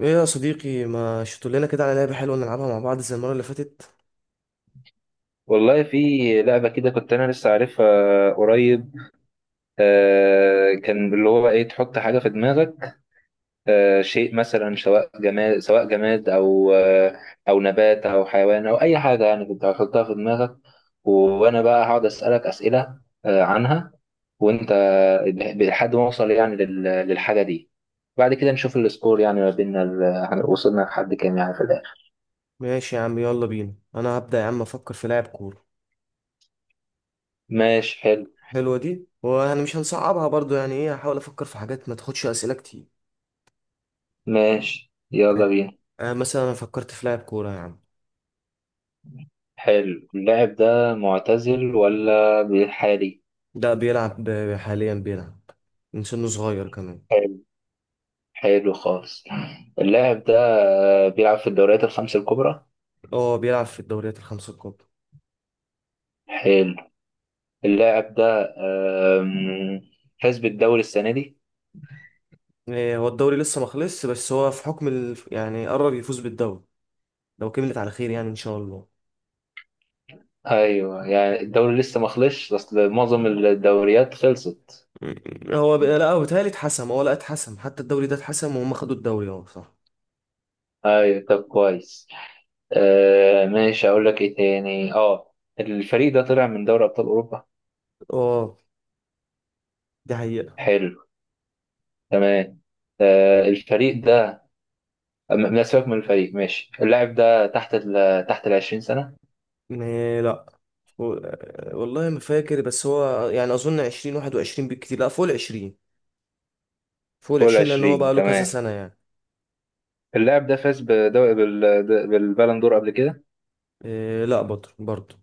ايه يا صديقي، ما شفتوا لنا كده على لعبة حلوة نلعبها مع بعض زي المرة اللي فاتت؟ والله في لعبة كده كنت أنا لسه عارفها قريب. كان اللي هو إيه تحط حاجة في دماغك. شيء مثلا، سواء جماد أو نبات أو حيوان أو أي حاجة، يعني كنت هتحطها في دماغك، وأنا بقى هقعد أسألك أسئلة عنها، وأنت لحد ما أوصل يعني للحاجة دي. بعد كده نشوف السكور يعني ما بيننا، وصلنا لحد كام يعني في الآخر. ماشي يا عم، يلا بينا. انا هبدأ يا عم، افكر في لاعب كورة. ماشي، حلو. حلوة دي، وانا مش هنصعبها برضو، يعني ايه، هحاول افكر في حاجات ما تاخدش اسئلة كتير. ماشي، يلا بينا. آه مثلا انا فكرت في لاعب كورة يا عم. حلو، اللاعب ده معتزل ولا بحالي؟ ده بيلعب حاليا بيلعب من سنه صغير كمان. حلو. حلو خالص، اللاعب ده بيلعب في الدوريات الخمس الكبرى. اه بيلعب في الدوريات الخمسة الكبرى. حلو، اللاعب ده آم، فاز بالدوري السنة دي. إيه، هو الدوري لسه ما خلصش، بس هو في حكم يعني قرب يفوز بالدوري لو كملت على خير يعني ان شاء الله. ايوه، يعني الدوري لسه ما خلصش، اصل معظم الدوريات خلصت. هو لا، هو بيتهيألي اتحسم، هو لا اتحسم حتى، الدوري ده اتحسم وهم خدوا الدوري، اه صح. ايوه، طب كويس. ماشي، اقول لك ايه تاني. اه الفريق ده طلع من دوري ابطال اوروبا. اه دي حقيقة. حلو. تمام. آه، الفريق ده لا، سيبك من الفريق. ماشي، اللاعب ده تحت ال 20 سنة. لا. والله ما فاكر، بس هو يعني أظن 20، 21 بالكتير، لا فوق الـ20. فوق فوق ال العشرين لأن هو 20، بقى له كذا تمام. سنة يعني. اللاعب ده فاز بدوري، بالبالون دور قبل كده. إيه لا، بطل برضه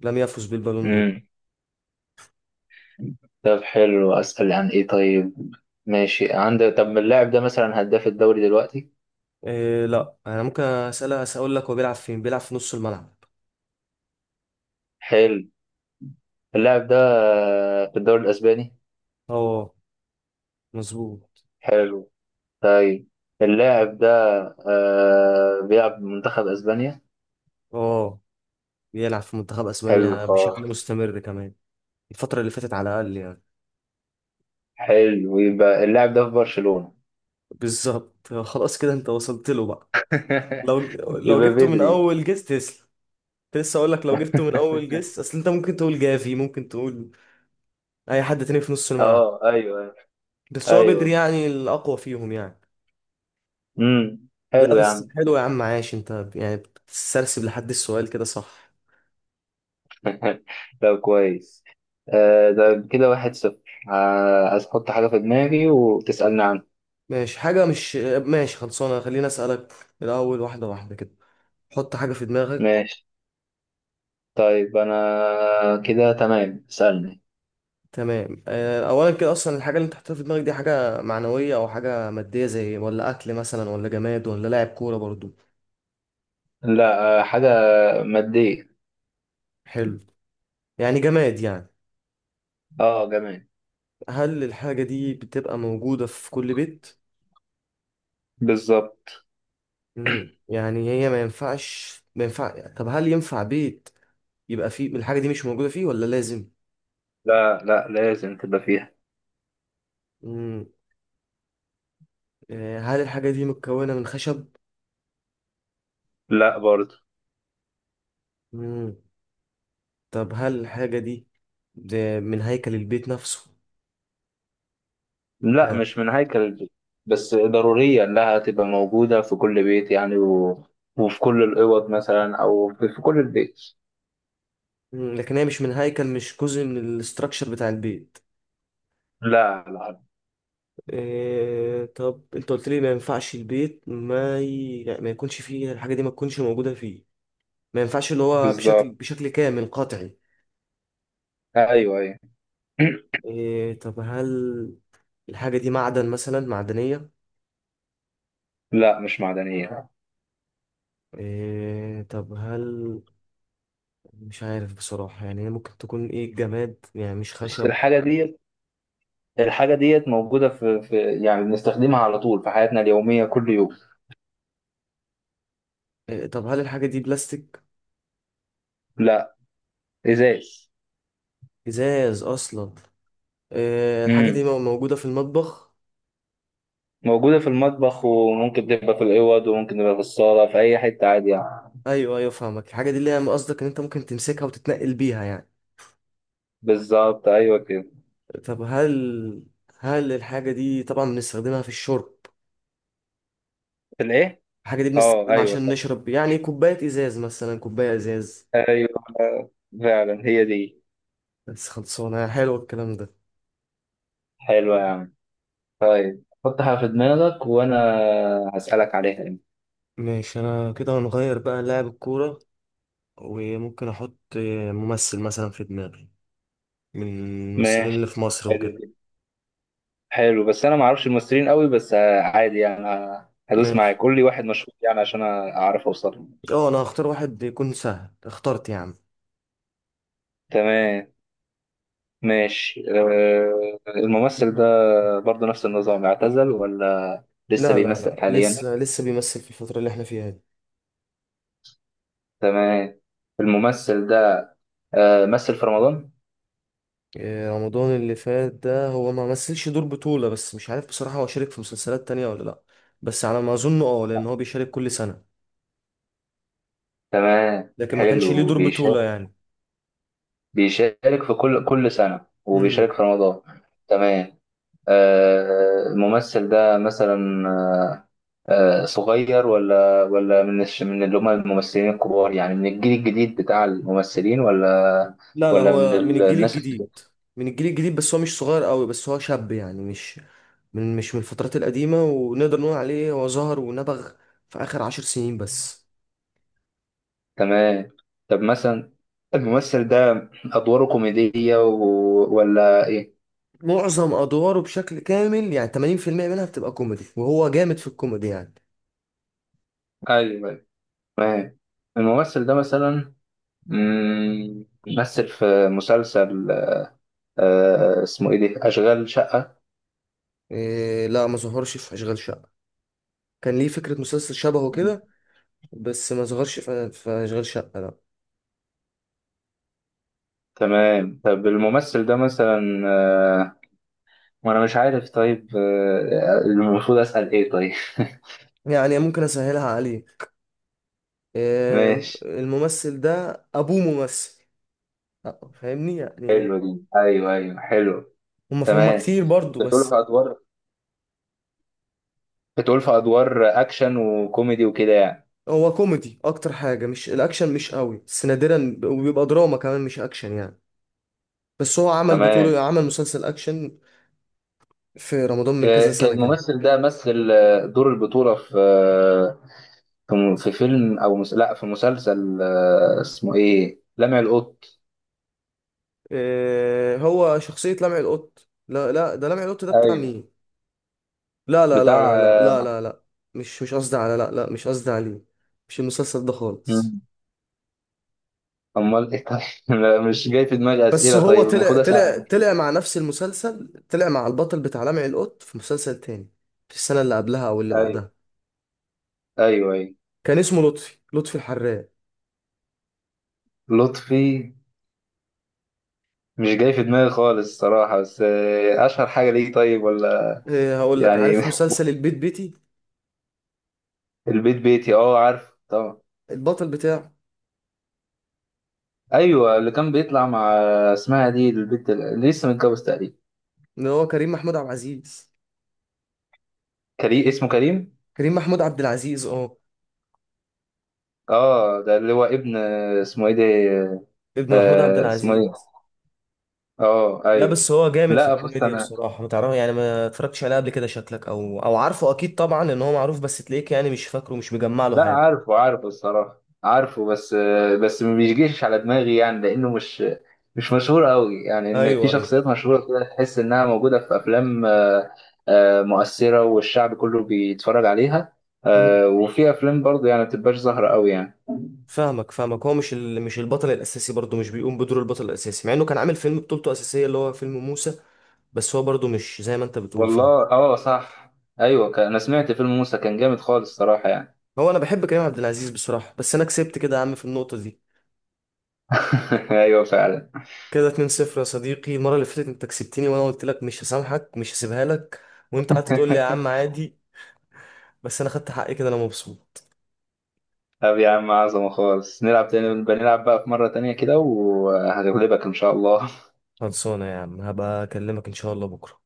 لم يفز بالبالون دور. امم طب حلو، أسأل عن إيه طيب؟ ماشي، عند طب اللاعب ده مثلا هداف الدوري دلوقتي؟ إيه لا، أنا ممكن أسألها، أقول لك هو بيلعب فين؟ بيلعب في نص الملعب. حلو، اللاعب ده في الدوري الأسباني. اه مظبوط. حلو. طيب، اللاعب ده بيلعب منتخب أسبانيا. اه بيلعب في منتخب حلو أسبانيا خالص. بشكل مستمر كمان، الفترة اللي فاتت على الأقل يعني. حلو، يبقى اللاعب ده في برشلونة. بالظبط، خلاص كده انت وصلت له بقى. لو لو يبقى جبته من بدري. اول جيس تسلا، كنت لسه اقول لك لو جبته من اول جيس، اصل انت ممكن تقول جافي، ممكن تقول اي حد تاني في نص الملعب، اه، ايوه. بس هو بدري ايوه، يعني الاقوى فيهم يعني. لا حلو يا عم. بس حلو يا عم، عاش انت، يعني بتسترسب لحد السؤال كده صح. طب كويس. ده كده 1-0. عايز احط حاجة في دماغي وتسألني عنها. ماشي، حاجة مش، ماشي خلصانة، خليني اسألك الاول واحدة واحدة كده. حط حاجة في دماغك. ماشي. طيب، انا كده تمام، اسألني. تمام، اولا كده اصلا الحاجه اللي انت حاططها في دماغك دي حاجه معنويه او حاجه ماديه زي، ولا اكل مثلا، ولا جماد، ولا لاعب كوره برضو؟ لا، حاجة مادية. حلو، يعني جماد يعني. اه، جميل. هل الحاجه دي بتبقى موجوده في كل بيت؟ بالظبط. يعني هي ما ينفعش، ما ينفع، طب هل ينفع بيت يبقى فيه الحاجه دي مش موجوده فيه ولا لازم؟ لا لا، لازم تبقى فيها. مم، هل الحاجه دي متكونه من خشب؟ لا برضه. مم، طب هل الحاجه دي ده من هيكل البيت نفسه؟ لا، مش من هيكل البيت، بس ضرورية إنها تبقى موجودة في كل بيت يعني، وفي كل الأوض مثلا، أو في كل البيت. لكن هي مش من هيكل، مش جزء من الاستراكشر بتاع البيت. لا لا. إيه طب انت قلت لي ما ينفعش البيت ما ي... يعني ما يكونش فيه الحاجة دي، ما تكونش موجودة فيه، ما ينفعش، اللي هو بالظبط. بشكل كامل قطعي. أيوه أيوه. إيه طب هل الحاجة دي معدن مثلا، معدنية؟ لا، مش معدنية. إيه طب هل، مش عارف بصراحة، يعني هي ممكن تكون ايه؟ جماد يعني مش بس خشب. الحاجة ديت، موجودة في يعني بنستخدمها على طول في حياتنا اليومية كل يوم. إيه طب هل الحاجة دي بلاستيك؟ لا، إزاز. ازاز اصلا؟ إيه الحاجة دي امم موجودة في المطبخ؟ موجودة في المطبخ، وممكن تبقى في الأوض، وممكن تبقى في الصالة، في أي حتة عادي يعني. ايوه ايوه، فاهمك. الحاجه دي اللي هي قصدك ان انت ممكن تمسكها وتتنقل بيها يعني. بالظبط، أيوه كده. طب هل، هل الحاجه دي طبعا بنستخدمها في الشرب؟ في الإيه؟ الحاجه دي أه، بنستخدمها أيوه عشان صح. نشرب، يعني كوبايه ازاز مثلا، كوبايه ازاز. أيوة. فعلا هي دي. بس خلصانه، حلو الكلام ده. حلوة يا عم. طيب، حطها في دماغك وأنا هسألك عليها يعني. ماشي انا كده هنغير بقى لاعب الكوره، وممكن احط ممثل مثلا في دماغي، من الممثلين اللي ماشي. في مصر حلو وكده. جدا. حلو، بس أنا معرفش الممثلين قوي، بس عادي يعني، هدوس معاك، ماشي. قول لي واحد مشهور يعني عشان أعرف أوصل له. اه انا هختار واحد يكون سهل، اخترت يا عم. تمام. ماشي، الممثل ده برضه نفس النظام، اعتزل ولا لسه لا لا بيمثل لا، حاليا؟ لسه بيمثل في الفتره اللي احنا فيها دي. تمام. الممثل ده مثل في رمضان. إيه، رمضان اللي فات ده هو ما مثلش دور بطولة، بس مش عارف بصراحة هو شارك في مسلسلات تانية ولا لأ، بس على ما أظن اه، لأن هو بيشارك كل سنة. تمام، لكن ما كانش ليه حلو، دور بيشارك. بطولة يعني. بيشارك في كل سنة مم. وبيشارك في رمضان. تمام. الممثل ده مثلا، صغير ولا من من اللي هم الممثلين الكبار، يعني من الجيل الجديد بتاع الممثلين، ولا لا لا، ولا من هو من الجيل الناس؟ الجديد. من الجيل الجديد، بس هو مش صغير قوي، بس هو شاب يعني، مش من، مش من الفترات القديمة، ونقدر نقول عليه هو ظهر ونبغ في آخر 10 سنين بس. تمام. طب مثلا، الممثل ده أدواره كوميدية ولا إيه؟ معظم أدواره بشكل كامل يعني 80% منها بتبقى كوميدي، وهو جامد في الكوميدي يعني. أيوه أيوة. تمام. الممثل ده مثلا، مثل في مسلسل، اسمه ايه دي، اشغال شقة؟ إيه لا، ما ظهرش في أشغال شقة. كان ليه فكرة مسلسل شبهه كده، بس ما ظهرش في في أشغال شقة، لا. تمام. طب الممثل ده مثلا، وانا مش عارف طيب، المفروض اسأل ايه طيب؟ يعني ممكن أسهلها عليه. ماشي. الممثل ده أبوه ممثل، فاهمني يعني. حلو دي. ايوه ايوه حلو. هما تمام. كتير برضو بتقول في بس. ادوار بتقول في ادوار اكشن وكوميدي وكده يعني. هو كوميدي أكتر حاجة، مش الأكشن، مش قوي بس نادرا، وبيبقى دراما كمان مش أكشن يعني. بس هو عمل تمام. بطولة، عمل مسلسل أكشن في رمضان من كذا كان سنة كده. الممثل ده مثل دور البطولة في فيلم او مس... لا في مسلسل اسمه ايه لمع القط؟ هو شخصية لمع القط؟ لا لا، ده لمع القط ده بتاع ايوه، مين؟ لا لا لا بتاع لا لا لا لا لا. مش، مش قصدي على، لا لا مش قصدي عليه، مش المسلسل ده آه، خالص. امال ايه طيب؟ لا، مش جاي في دماغي بس اسئله. هو طيب، طلع المفروض اسال طلع عن، طلع مع نفس المسلسل، طلع مع البطل بتاع لمع القط في مسلسل تاني، في السنة اللي قبلها أو اللي ايوه بعدها. ايوه ايوه، كان اسمه لطفي، الحراق. لطفي. مش جاي في دماغي خالص الصراحه، بس اشهر حاجه ليه طيب ولا إيه هقول لك، يعني؟ عارف مسلسل البيت بيتي؟ البيت بيتي، اه عارف طبعا. البطل بتاعه ايوه، اللي كان بيطلع مع، اسمها دي، البنت اللي لسه متجوز تقريبا. اللي هو كريم محمود عبد العزيز. كريم، اسمه كريم. كريم محمود عبد العزيز، اه. اه، ده اللي هو ابن، اسمه ايه ده، ابن محمود عبد اسمه ايه. العزيز. اه لا ايوه. بس هو جامد في لا بص، الكوميديا انا بصراحة، ما تعرف يعني، ما اتفرجتش عليه قبل كده؟ شكلك، او او عارفه اكيد طبعا ان هو معروف، بس تلاقيك يعني مش فاكره، مش مجمع له لا حاجة. عارفه عارفه الصراحة عارفه، بس ما بيجيش على دماغي يعني، لأنه مش، مشهور قوي يعني، إن في ايوه ايوه. شخصيات مشهورة كده تحس إنها موجودة في أفلام، مؤثرة والشعب كله بيتفرج عليها. مم. وفي أفلام برضه يعني ما بتبقاش ظاهرة قوي يعني. فاهمك فاهمك، هو مش البطل الاساسي برضه، مش بيقوم بدور البطل الاساسي، مع انه كان عامل فيلم بطولته اساسية اللي هو فيلم موسى، بس هو برضه مش زي ما انت بتقول فاهم. والله اه صح. أيوه أنا سمعت فيلم موسى كان جامد خالص صراحة يعني. هو انا بحب كريم عبد العزيز بصراحة، بس انا كسبت كده يا عم في النقطة دي. أيوه فعلا. كده 2-0 يا صديقي. المرة اللي فاتت انت كسبتني وانا قلت لك مش هسامحك، مش هسيبها لك، وانت قعدت تقول لي يا عم عادي، بس انا خدت حقي كده، انا مبسوط. طب يا عم، عظمة خالص. نلعب تاني، بنلعب بقى في مرة تانية كده وهغلبك إن شاء الله. خلصانة يا عم، هبقى أكلمك إن شاء الله بكرة.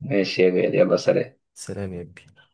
ماشي يا غالي، يلا سلام. سلام يا كبير.